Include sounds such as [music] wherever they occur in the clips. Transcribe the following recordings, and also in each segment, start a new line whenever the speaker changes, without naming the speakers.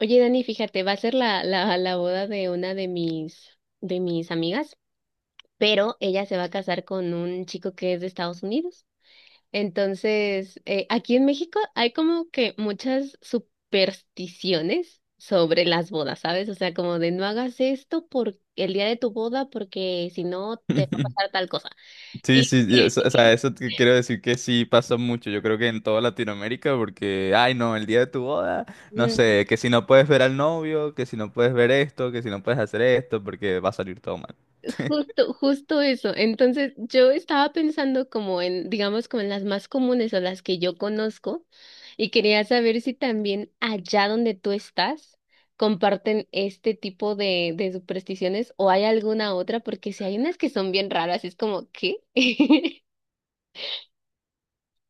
Oye, Dani, fíjate, va a ser la boda de una de mis amigas, pero ella se va a casar con un chico que es de Estados Unidos. Entonces, aquí en México hay como que muchas supersticiones sobre las bodas, ¿sabes? O sea, como de no hagas esto por el día de tu boda porque si no te va a pasar
[laughs]
tal cosa.
Sí,
Y
sí, sí,
[clears throat]
eso te quiero decir que sí pasa mucho. Yo creo que en toda Latinoamérica, porque, ay no, el día de tu boda, no
[laughs]
sé, que si no puedes ver al novio, que si no puedes ver esto, que si no puedes hacer esto, porque va a salir todo mal. [laughs]
Justo eso. Entonces, yo estaba pensando como en, digamos, como en las más comunes o las que yo conozco y quería saber si también allá donde tú estás comparten este tipo de supersticiones o hay alguna otra, porque si hay unas que son bien raras, es como, ¿qué? [laughs]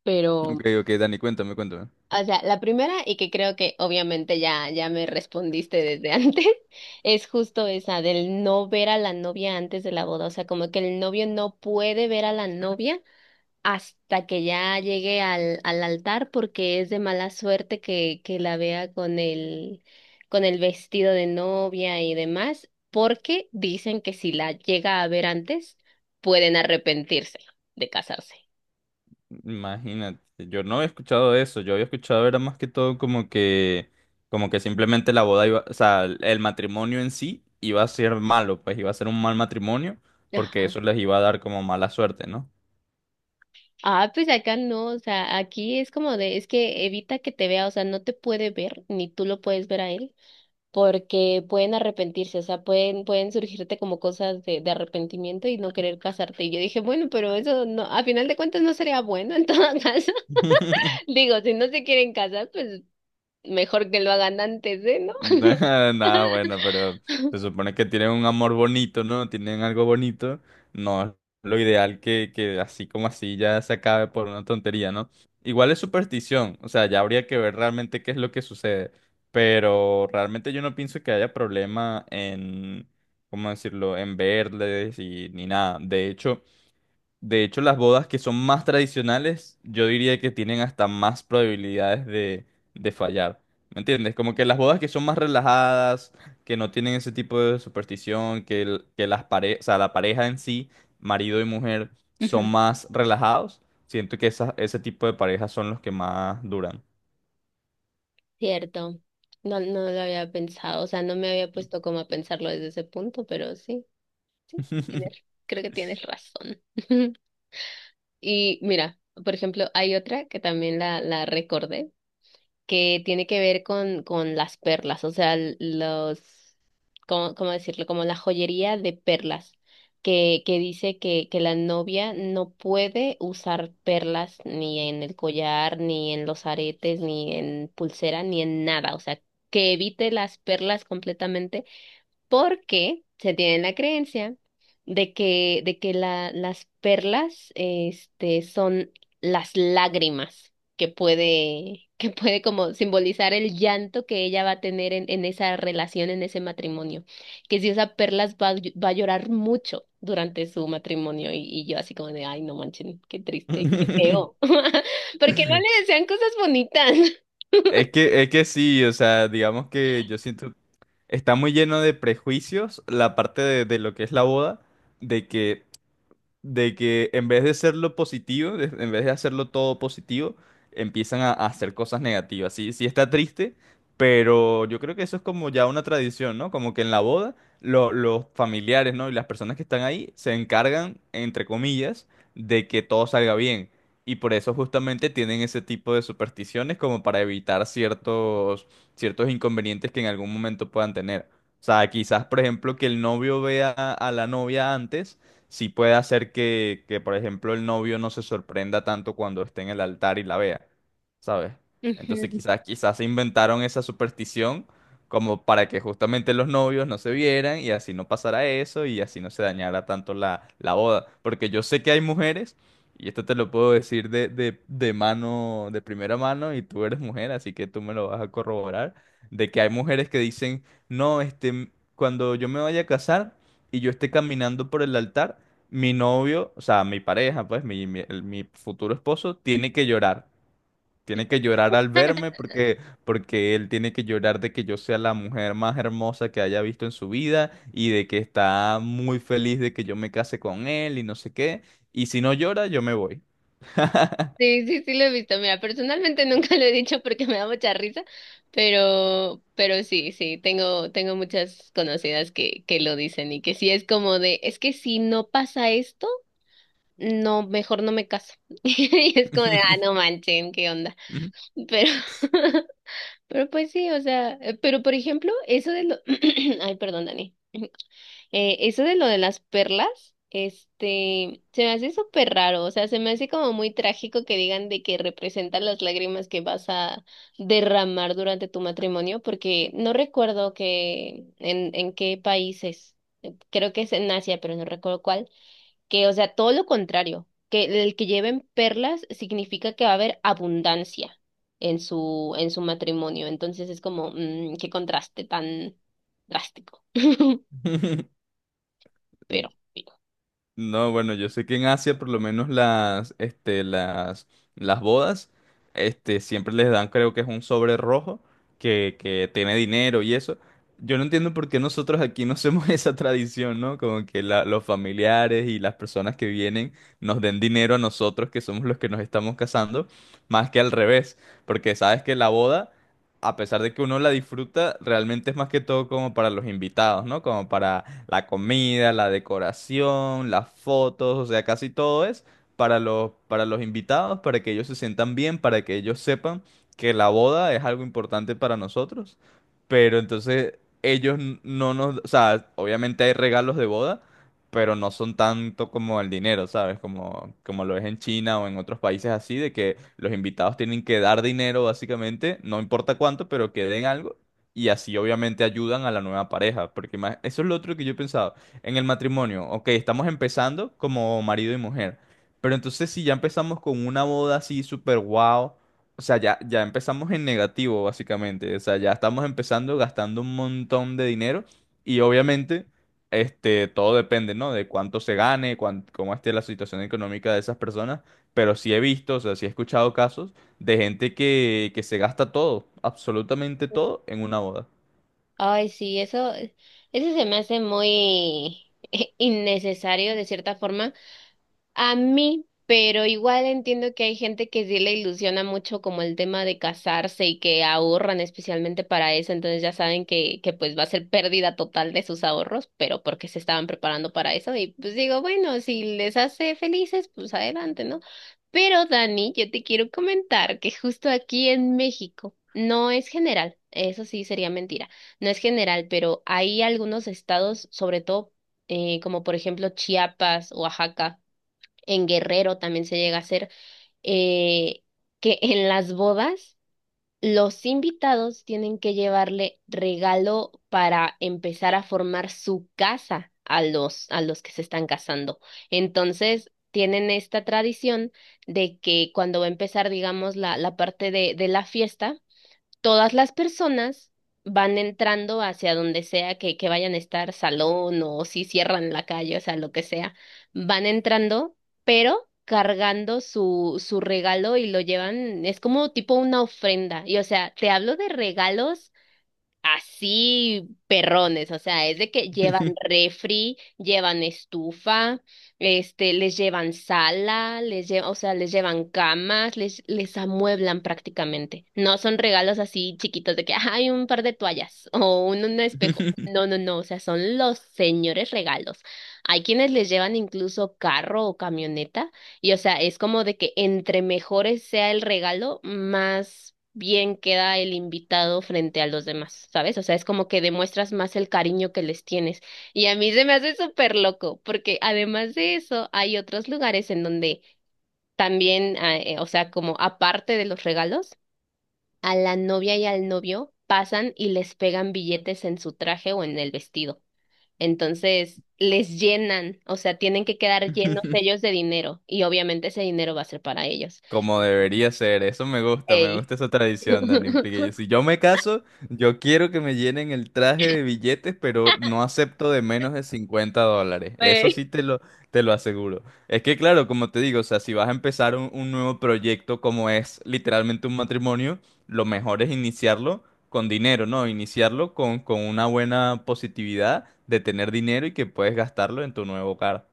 Pero,
Ok, ok, Dani, cuéntame, cuéntame.
o sea, la primera y que creo que obviamente ya me respondiste desde antes. [laughs] Es justo esa del no ver a la novia antes de la boda, o sea, como que el novio no puede ver a la novia hasta que ya llegue al altar porque es de mala suerte que la vea con el vestido de novia y demás, porque dicen que si la llega a ver antes, pueden arrepentirse de casarse.
Imagínate, yo no había escuchado eso. Yo había escuchado era más que todo como que simplemente la boda iba, o sea, el matrimonio en sí iba a ser malo, pues iba a ser un mal matrimonio, porque
Ajá.
eso les iba a dar como mala suerte, ¿no?
Ah, pues acá no, o sea, aquí es como de, es que evita que te vea, o sea, no te puede ver, ni tú lo puedes ver a él. Porque pueden arrepentirse, o sea, pueden surgirte como cosas de arrepentimiento y no querer casarte. Y yo dije, bueno, pero eso no, a final de cuentas no sería bueno en todo [laughs] caso.
[laughs]
Digo, si no se quieren casar, pues mejor que lo hagan antes de, ¿no?
[laughs] Nada bueno, pero se supone que tienen un amor bonito, ¿no? Tienen algo bonito. No es lo ideal que así como así ya se acabe por una tontería, ¿no? Igual es superstición, o sea, ya habría que ver realmente qué es lo que sucede. Pero realmente yo no pienso que haya problema en, ¿cómo decirlo?, en verles y ni nada. De hecho, las bodas que son más tradicionales, yo diría que tienen hasta más probabilidades de fallar. ¿Me entiendes? Como que las bodas que son más relajadas, que no tienen ese tipo de superstición, que, el- que las pare- o sea, la pareja en sí, marido y mujer, son
Ujú.
más relajados. Siento que ese tipo de parejas son los que más duran.
Cierto. No, no lo había pensado, o sea, no me había puesto como a pensarlo desde ese punto, pero sí, creo que tienes razón. [laughs] Y mira, por ejemplo, hay otra que también la recordé. Que tiene que ver con las perlas, o sea, ¿cómo, cómo decirlo? Como la joyería de perlas, que dice que la novia no puede usar perlas ni en el collar, ni en los aretes, ni en pulsera, ni en nada, o sea, que evite las perlas completamente porque se tiene la creencia de que las perlas, son las lágrimas que puede como simbolizar el llanto que ella va a tener en esa relación, en ese matrimonio. Que si usa perlas va, va a llorar mucho durante su matrimonio y yo así como de, ay, no manchen, qué triste, qué feo.
[laughs]
[laughs] Porque no le desean cosas bonitas.
Es que sí, o sea, digamos que yo siento está muy lleno de prejuicios la parte de lo que es la boda, de que de que en vez de hacerlo positivo, en vez de hacerlo todo positivo, empiezan a hacer cosas negativas. Sí, sí está triste, pero yo creo que eso es como ya una tradición, ¿no? Como que en la boda los familiares, ¿no? Y las personas que están ahí se encargan, entre comillas, de que todo salga bien. Y por eso justamente tienen ese tipo de supersticiones como para evitar ciertos, ciertos inconvenientes que en algún momento puedan tener. O sea, quizás, por ejemplo, que el novio vea a la novia antes sí puede hacer que por ejemplo, el novio no se sorprenda tanto cuando esté en el altar y la vea, ¿sabes? Entonces
[laughs]
quizás, quizás se inventaron esa superstición como para que justamente los novios no se vieran y así no pasara eso y así no se dañara tanto la, la boda. Porque yo sé que hay mujeres, y esto te lo puedo decir de mano, de primera mano, y tú eres mujer, así que tú me lo vas a corroborar, de que hay mujeres que dicen, no, este, cuando yo me vaya a casar y yo esté caminando por el altar, mi novio, o sea, mi pareja, pues, mi futuro esposo, tiene que llorar. Tiene que llorar al verme porque, porque él tiene que llorar de que yo sea la mujer más hermosa que haya visto en su vida y de que está muy feliz de que yo me case con él y no sé qué. Y si no llora, yo me voy.
Sí, sí, sí lo he visto. Mira, personalmente [laughs] nunca lo he dicho porque me da mucha risa, pero sí, sí, tengo, tengo muchas conocidas que lo dicen y que sí es como de, es que si no pasa esto, no, mejor no me caso. [laughs] Y es como de, ah, no manchen, ¿qué onda?
[laughs]
Pero, [laughs] pero pues sí, o sea, pero por ejemplo, eso de lo, [clears throat] ay, perdón, Dani. Eso de lo de las perlas, se me hace súper raro, o sea, se me hace como muy trágico que digan de que representan las lágrimas que vas a derramar durante tu matrimonio, porque no recuerdo que en qué países, creo que es en Asia, pero no recuerdo cuál, que, o sea, todo lo contrario, que el que lleven perlas significa que va a haber abundancia en su matrimonio, entonces es como, mm, qué contraste tan drástico, [laughs] pero...
No, bueno, yo sé que en Asia por lo menos las, este, las bodas, este, siempre les dan, creo que es un sobre rojo que tiene dinero y eso. Yo no entiendo por qué nosotros aquí no hacemos [laughs] esa tradición, ¿no? Como que los familiares y las personas que vienen nos den dinero a nosotros, que somos los que nos estamos casando, más que al revés. Porque sabes que la boda, a pesar de que uno la disfruta, realmente es más que todo como para los invitados, ¿no? Como para la comida, la decoración, las fotos, o sea, casi todo es para para los invitados, para que ellos se sientan bien, para que ellos sepan que la boda es algo importante para nosotros. Pero entonces ellos no nos, o sea, obviamente hay regalos de boda, pero no son tanto como el dinero, ¿sabes? Como, como lo es en China o en otros países así, de que los invitados tienen que dar dinero básicamente, no importa cuánto, pero que den algo. Y así obviamente ayudan a la nueva pareja, porque eso es lo otro que yo he pensado. En el matrimonio, ok, estamos empezando como marido y mujer, pero entonces si ya empezamos con una boda así súper guau, o sea, ya empezamos en negativo básicamente, o sea, ya estamos empezando gastando un montón de dinero y obviamente este, todo depende, ¿no? De cuánto se gane, cómo esté la situación económica de esas personas, pero sí he visto, o sea, sí he escuchado casos de gente que se gasta todo, absolutamente todo, en una boda.
Ay, sí, eso se me hace muy [laughs] innecesario de cierta forma. A mí, pero igual entiendo que hay gente que sí le ilusiona mucho como el tema de casarse y que ahorran especialmente para eso, entonces ya saben que pues va a ser pérdida total de sus ahorros, pero porque se estaban preparando para eso y pues digo, bueno, si les hace felices, pues adelante, ¿no? Pero Dani, yo te quiero comentar que justo aquí en México no es general, eso sí sería mentira, no es general, pero hay algunos estados, sobre todo como por ejemplo Chiapas, Oaxaca en Guerrero también se llega a hacer, eh, que en las bodas los invitados tienen que llevarle regalo para empezar a formar su casa a los que se están casando. Entonces, tienen esta tradición de que cuando va a empezar, digamos, la parte de la fiesta, todas las personas van entrando hacia donde sea que vayan a estar, salón o si cierran la calle, o sea, lo que sea, van entrando, pero cargando su, su regalo y lo llevan, es como tipo una ofrenda. Y o sea, te hablo de regalos así perrones, o sea, es de que llevan refri, llevan estufa, les llevan sala, les llevan, o sea, les llevan camas, les amueblan prácticamente. No son regalos así chiquitos de que "Ah, hay un par de toallas o un espejo".
[laughs]
No, no, no, o sea, son los señores regalos. Hay quienes les llevan incluso carro o camioneta. Y o sea, es como de que entre mejores sea el regalo, más bien queda el invitado frente a los demás, ¿sabes? O sea, es como que demuestras más el cariño que les tienes. Y a mí se me hace súper loco, porque además de eso, hay otros lugares en donde también, o sea, como aparte de los regalos, a la novia y al novio pasan y les pegan billetes en su traje o en el vestido. Entonces, les llenan, o sea, tienen que quedar llenos ellos de dinero y obviamente ese dinero va a ser para ellos.
Como debería ser, eso me
Ey.
gusta esa tradición, Dani, porque
[laughs]
si yo me caso, yo quiero que me llenen el traje de billetes, pero no acepto de menos de $50, eso
Ey.
sí te lo aseguro. Es que claro, como te digo, o sea, si vas a empezar un nuevo proyecto como es literalmente un matrimonio, lo mejor es iniciarlo con dinero, ¿no? Iniciarlo con una buena positividad de tener dinero y que puedes gastarlo en tu nuevo hogar.